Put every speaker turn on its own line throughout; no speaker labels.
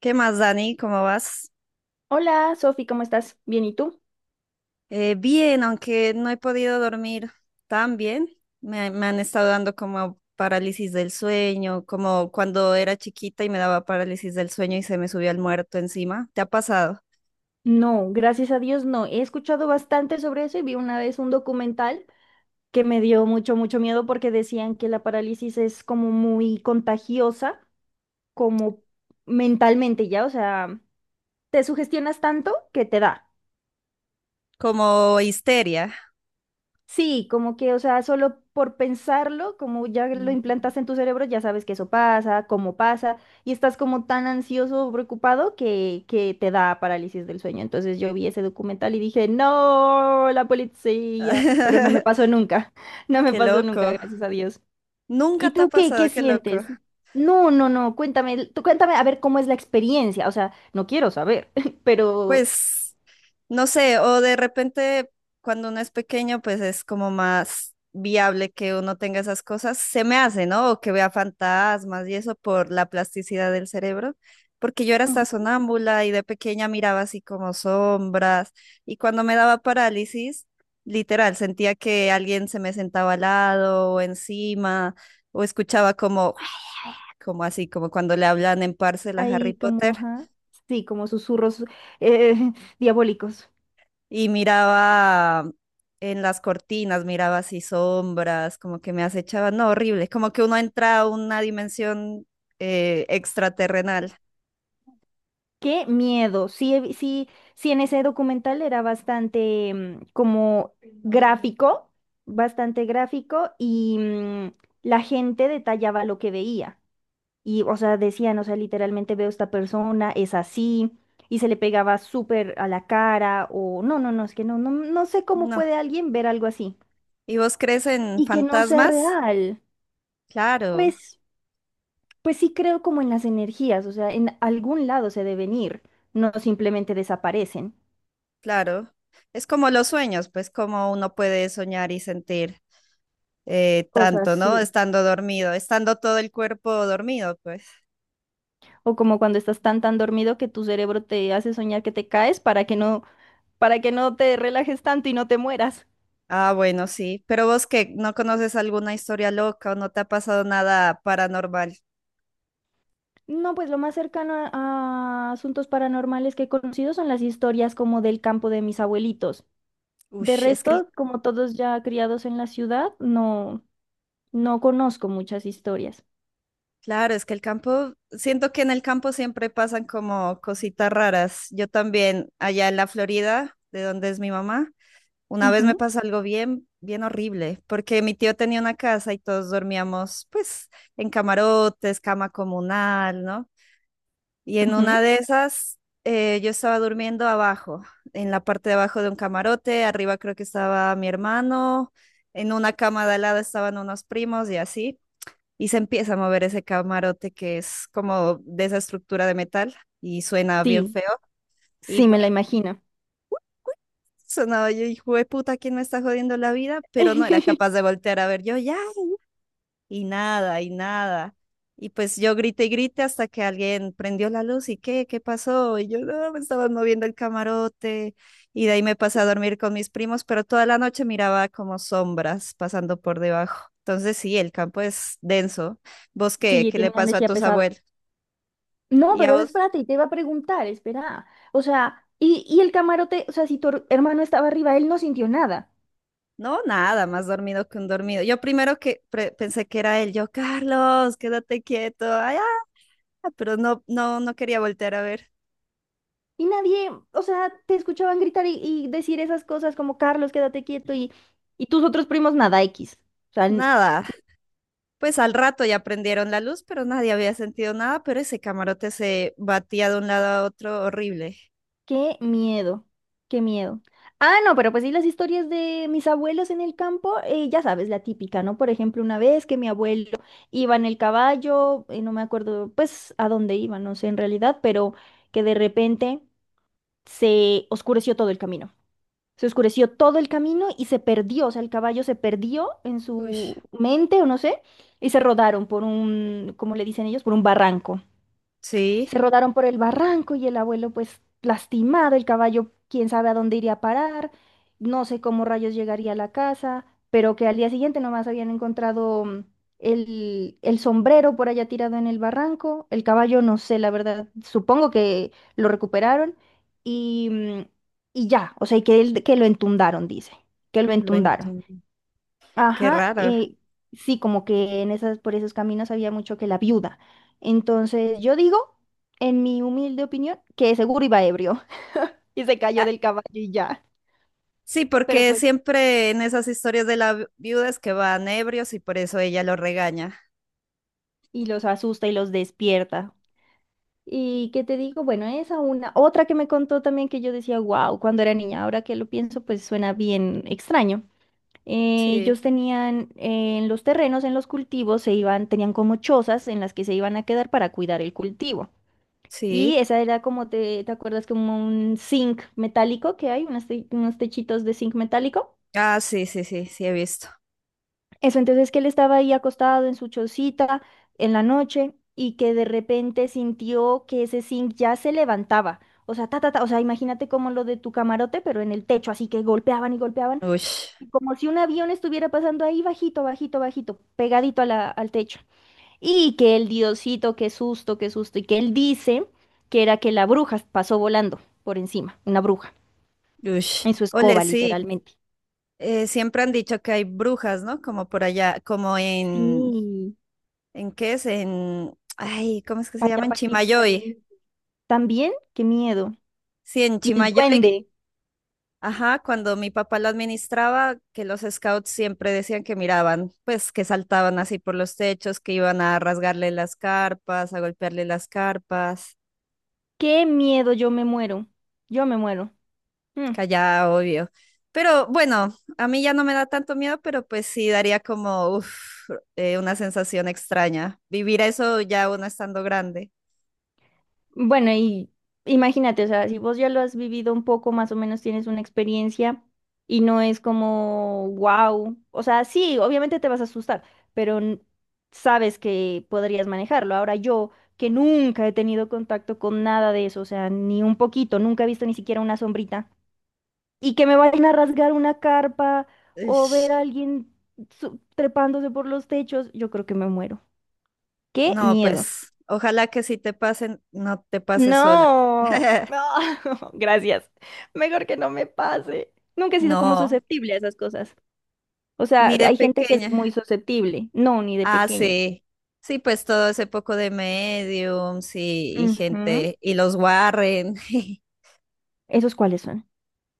¿Qué más, Dani? ¿Cómo vas?
Hola, Sofi, ¿cómo estás? Bien, ¿y tú?
Bien, aunque no he podido dormir tan bien. Me han estado dando como parálisis del sueño, como cuando era chiquita y me daba parálisis del sueño y se me subía el muerto encima. ¿Te ha pasado?
No, gracias a Dios no. He escuchado bastante sobre eso y vi una vez un documental que me dio mucho, mucho miedo porque decían que la parálisis es como muy contagiosa, como mentalmente ya, o sea, te sugestionas tanto que te da.
Como histeria.
Sí, como que, o sea, solo por pensarlo, como ya lo
Mm.
implantas en tu cerebro, ya sabes que eso pasa, cómo pasa, y estás como tan ansioso o preocupado que te da parálisis del sueño. Entonces yo vi ese documental y dije, no, la policía, pero no me pasó nunca, no me
Qué
pasó nunca,
loco.
gracias a Dios. ¿Y
Nunca te ha
tú qué
pasado, qué loco.
sientes? No, no, no, cuéntame, tú cuéntame a ver cómo es la experiencia, o sea, no quiero saber, pero...
Pues, no sé, o de repente cuando uno es pequeño, pues es como más viable que uno tenga esas cosas, se me hace, ¿no? O que vea fantasmas y eso por la plasticidad del cerebro, porque yo era hasta sonámbula y de pequeña miraba así como sombras y cuando me daba parálisis, literal, sentía que alguien se me sentaba al lado o encima o escuchaba como, como así, como cuando le hablan en Parcel a Harry
Ahí como,
Potter.
ajá. Sí, como susurros eh, diabólicos.
Y miraba en las cortinas, miraba así sombras, como que me acechaba, no, horrible, como que uno entra a una dimensión extraterrenal.
Qué miedo. Sí, sí, sí, en ese documental era bastante como gráfico, bastante gráfico y la gente detallaba lo que veía. Y, o sea, decían, o sea, literalmente veo esta persona, es así, y se le pegaba súper a la cara, o no, no, no, es que no, no, no sé cómo
No.
puede alguien ver algo así.
¿Y vos crees en
Y que no sea
fantasmas?
real.
Claro,
Pues. Pues sí creo como en las energías, o sea, en algún lado se deben ir, no simplemente desaparecen.
claro. Es como los sueños, pues como uno puede soñar y sentir
Cosas
tanto, ¿no?
sí.
Estando dormido, estando todo el cuerpo dormido, pues.
O como cuando estás tan tan dormido que tu cerebro te hace soñar que te caes para que no te relajes tanto y no te mueras.
Ah, bueno, sí. Pero vos que no conoces alguna historia loca o no te ha pasado nada paranormal.
No, pues lo más cercano a asuntos paranormales que he conocido son las historias como del campo de mis abuelitos.
Uy,
De
es que el...
resto, como todos ya criados en la ciudad, no, no conozco muchas historias.
Claro, es que el campo, siento que en el campo siempre pasan como cositas raras. Yo también, allá en la Florida, de donde es mi mamá, una vez me
Ujú,
pasó algo bien, bien horrible, porque mi tío tenía una casa y todos dormíamos, pues, en camarotes, cama comunal, ¿no? Y en una
ujú.
de esas, yo estaba durmiendo abajo, en la parte de abajo de un camarote, arriba creo que estaba mi hermano, en una cama de al lado estaban unos primos y así, y se empieza a mover ese camarote que es como de esa estructura de metal y suena bien
Sí,
feo. Y
sí me la
¡guic!
imagino.
sonaba. Yo, hijo de puta, ¿quién me está jodiendo la vida? Pero no era capaz de voltear a ver yo, ya, y nada, y nada. Y pues yo grité y grité hasta que alguien prendió la luz y qué, qué pasó. Y yo, no, me estaban moviendo el camarote. Y de ahí me pasé a dormir con mis primos, pero toda la noche miraba como sombras pasando por debajo. Entonces sí, el campo es denso. ¿Vos qué?
Sí,
¿Qué le
tiene una
pasó a
energía
tus
pesada.
abuelos?
No,
¿Y a
pero
vos?
espérate, te iba a preguntar, espera. O sea, y el camarote, o sea, si tu hermano estaba arriba, él no sintió nada.
No, nada, más dormido que un dormido. Yo primero que pensé que era él, yo, Carlos, quédate quieto. Ay, ah", pero no quería voltear a ver.
Y nadie, o sea, te escuchaban gritar y decir esas cosas como Carlos, quédate quieto, y tus otros primos nada X. O sea,
Nada. Pues al rato ya prendieron la luz, pero nadie había sentido nada, pero ese camarote se batía de un lado a otro horrible.
qué miedo, qué miedo. Ah, no, pero pues sí, las historias de mis abuelos en el campo, ya sabes, la típica, ¿no? Por ejemplo, una vez que mi abuelo iba en el caballo, no me acuerdo, pues, a dónde iba, no sé en realidad, pero que de repente se oscureció todo el camino. Se oscureció todo el camino y se perdió, o sea, el caballo se perdió en
Uy,
su mente, o no sé, y se rodaron por un, como le dicen ellos, por un barranco.
sí,
Se rodaron por el barranco y el abuelo pues lastimado, el caballo quién sabe a dónde iría a parar, no sé cómo rayos llegaría a la casa, pero que al día siguiente nomás habían encontrado el sombrero por allá tirado en el barranco, el caballo no sé, la verdad, supongo que lo recuperaron y, mm, y ya, o sea, y que, que lo entundaron, dice, que lo
lo
entundaron.
entum. Qué
Ajá,
raro.
sí, como que en esas, por esos caminos había mucho que la viuda. Entonces, yo digo, en mi humilde opinión, que seguro iba ebrio y se cayó
Ah,
del caballo y ya.
sí,
Pero
porque
pues,
siempre en esas historias de la viuda es que van ebrios y por eso ella lo regaña.
y los asusta y los despierta. Y qué te digo, bueno, esa una. Otra que me contó también que yo decía, wow, cuando era niña, ahora que lo pienso, pues suena bien extraño.
Sí,
Ellos tenían en los terrenos, en los cultivos, se iban, tenían como chozas en las que se iban a quedar para cuidar el cultivo. Y
sí.
esa era como te, ¿te acuerdas? Como un zinc metálico que hay, unos, unos techitos de zinc metálico.
Ah, sí, sí, sí, sí he visto.
Eso entonces que él estaba ahí acostado en su chocita en la noche y que de repente sintió que ese zinc ya se levantaba. O sea, ta, ta, ta, o sea, imagínate como lo de tu camarote, pero en el techo, así que golpeaban y golpeaban,
Uy.
y como si un avión estuviera pasando ahí bajito, bajito, bajito, pegadito a al techo. Y que el diosito, qué susto, qué susto. Y que él dice que era que la bruja pasó volando por encima, una bruja,
Ush.
en su
Ole,
escoba,
sí,
literalmente.
siempre han dicho que hay brujas, ¿no? Como por allá, como
Sí,
¿en qué es? En, ay, ¿cómo es que se
para
llama?
allá,
En
para clima
Chimayoy.
caliente. También, qué miedo.
Sí, en
Y el
Chimayoy,
duende,
ajá, cuando mi papá lo administraba, que los scouts siempre decían que miraban, pues que saltaban así por los techos, que iban a rasgarle las carpas, a golpearle las carpas.
qué miedo, yo me muero. Yo me muero. Mm.
Callada, obvio. Pero bueno, a mí ya no me da tanto miedo, pero pues sí daría como uf, una sensación extraña. Vivir eso ya uno estando grande.
Bueno, y imagínate, o sea, si vos ya lo has vivido un poco, más o menos tienes una experiencia y no es como, wow, o sea, sí, obviamente te vas a asustar, pero sabes que podrías manejarlo. Ahora yo, que nunca he tenido contacto con nada de eso, o sea, ni un poquito, nunca he visto ni siquiera una sombrita, y que me vayan a rasgar una carpa o
Ish.
ver a alguien trepándose por los techos, yo creo que me muero. ¡Qué
No,
miedo!
pues ojalá que si te pasen, no te pases sola.
No, no, gracias. Mejor que no me pase. Nunca he sido como
No,
susceptible a esas cosas. O sea,
ni de
hay gente que es muy
pequeña.
susceptible. No, ni de
Ah,
pequeña.
sí. Sí, pues todo ese poco de mediums y
Ujú.
gente, y los Warren,
¿Esos cuáles son?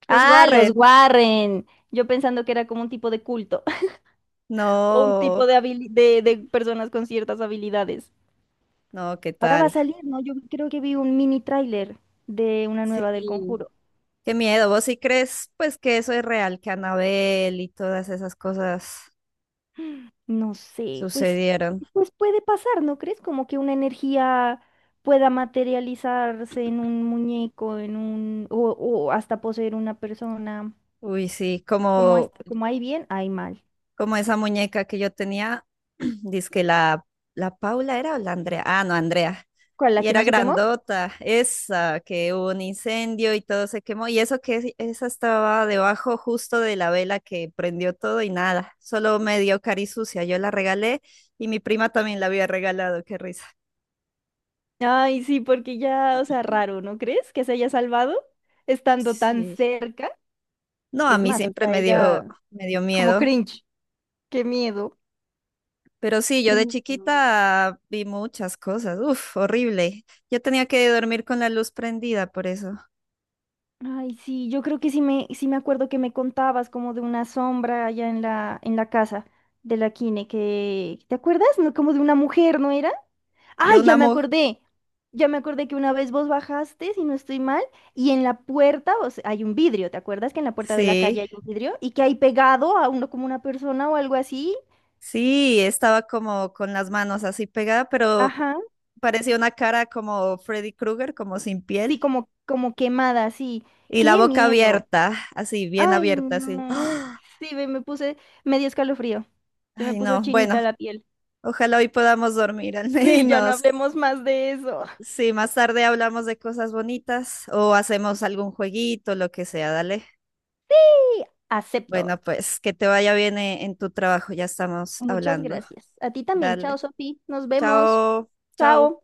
los
Ah, los
Warren.
Warren. Yo pensando que era como un tipo de culto o un
No,
tipo de, de personas con ciertas habilidades.
no, ¿qué
Ahora va a
tal?
salir, ¿no? Yo creo que vi un mini tráiler de una nueva del
Sí.
Conjuro.
Qué miedo, ¿vos sí crees pues que eso es real, que Anabel y todas esas cosas
No sé,
sucedieron?
pues puede pasar, ¿no crees? Como que una energía pueda materializarse en un muñeco, en un, o hasta poseer una persona.
Uy, sí,
Como,
como,
como hay bien, hay mal.
como esa muñeca que yo tenía, dizque la, la Paula era o la Andrea, ah, no, Andrea,
¿Cuál,
y
la que no
era
se quemó?
grandota, esa, que hubo un incendio y todo se quemó, y eso que esa estaba debajo justo de la vela que prendió todo y nada, solo medio cari sucia, yo la regalé y mi prima también la había regalado, qué risa.
Ay, sí, porque ya, o sea, raro, ¿no crees? Que se haya salvado estando tan
Sí.
cerca.
No, a
Es
mí
más,
siempre
hasta
me dio,
ella,
me dio
como
miedo.
cringe. Qué miedo.
Pero sí, yo
Qué
de
miedo.
chiquita vi muchas cosas. Uf, horrible. Yo tenía que dormir con la luz prendida por eso.
Ay, sí, yo creo que sí me acuerdo que me contabas como de una sombra allá en la casa de la Kine, que, ¿te acuerdas? No, como de una mujer, ¿no era?
De
Ay, ya
una
me
mujer.
acordé. Ya me acordé que una vez vos bajaste, si no estoy mal, y en la puerta, o sea, hay un vidrio, ¿te acuerdas que en la puerta de la
Sí,
calle hay un vidrio y que hay pegado a uno como una persona o algo así?
sí, estaba como con las manos así pegada, pero
Ajá,
parecía una cara como Freddy Krueger, como sin piel.
sí, como, como quemada, sí.
Y la
Qué
boca
miedo.
abierta, así, bien
Ay,
abierta, así.
no.
¡Ah!
Sí, ve, me puse, me dio escalofrío. Se me
Ay,
puso
no.
chinita
Bueno,
la piel.
ojalá hoy podamos dormir al
Sí, ya no
menos.
hablemos más de eso.
Sí, más tarde hablamos de cosas bonitas o hacemos algún jueguito, lo que sea, dale.
Sí, acepto.
Bueno, pues que te vaya bien en tu trabajo, ya estamos
Muchas
hablando.
gracias. A ti también. Chao,
Dale.
Sofi. Nos vemos.
Chao, chao.
Chao.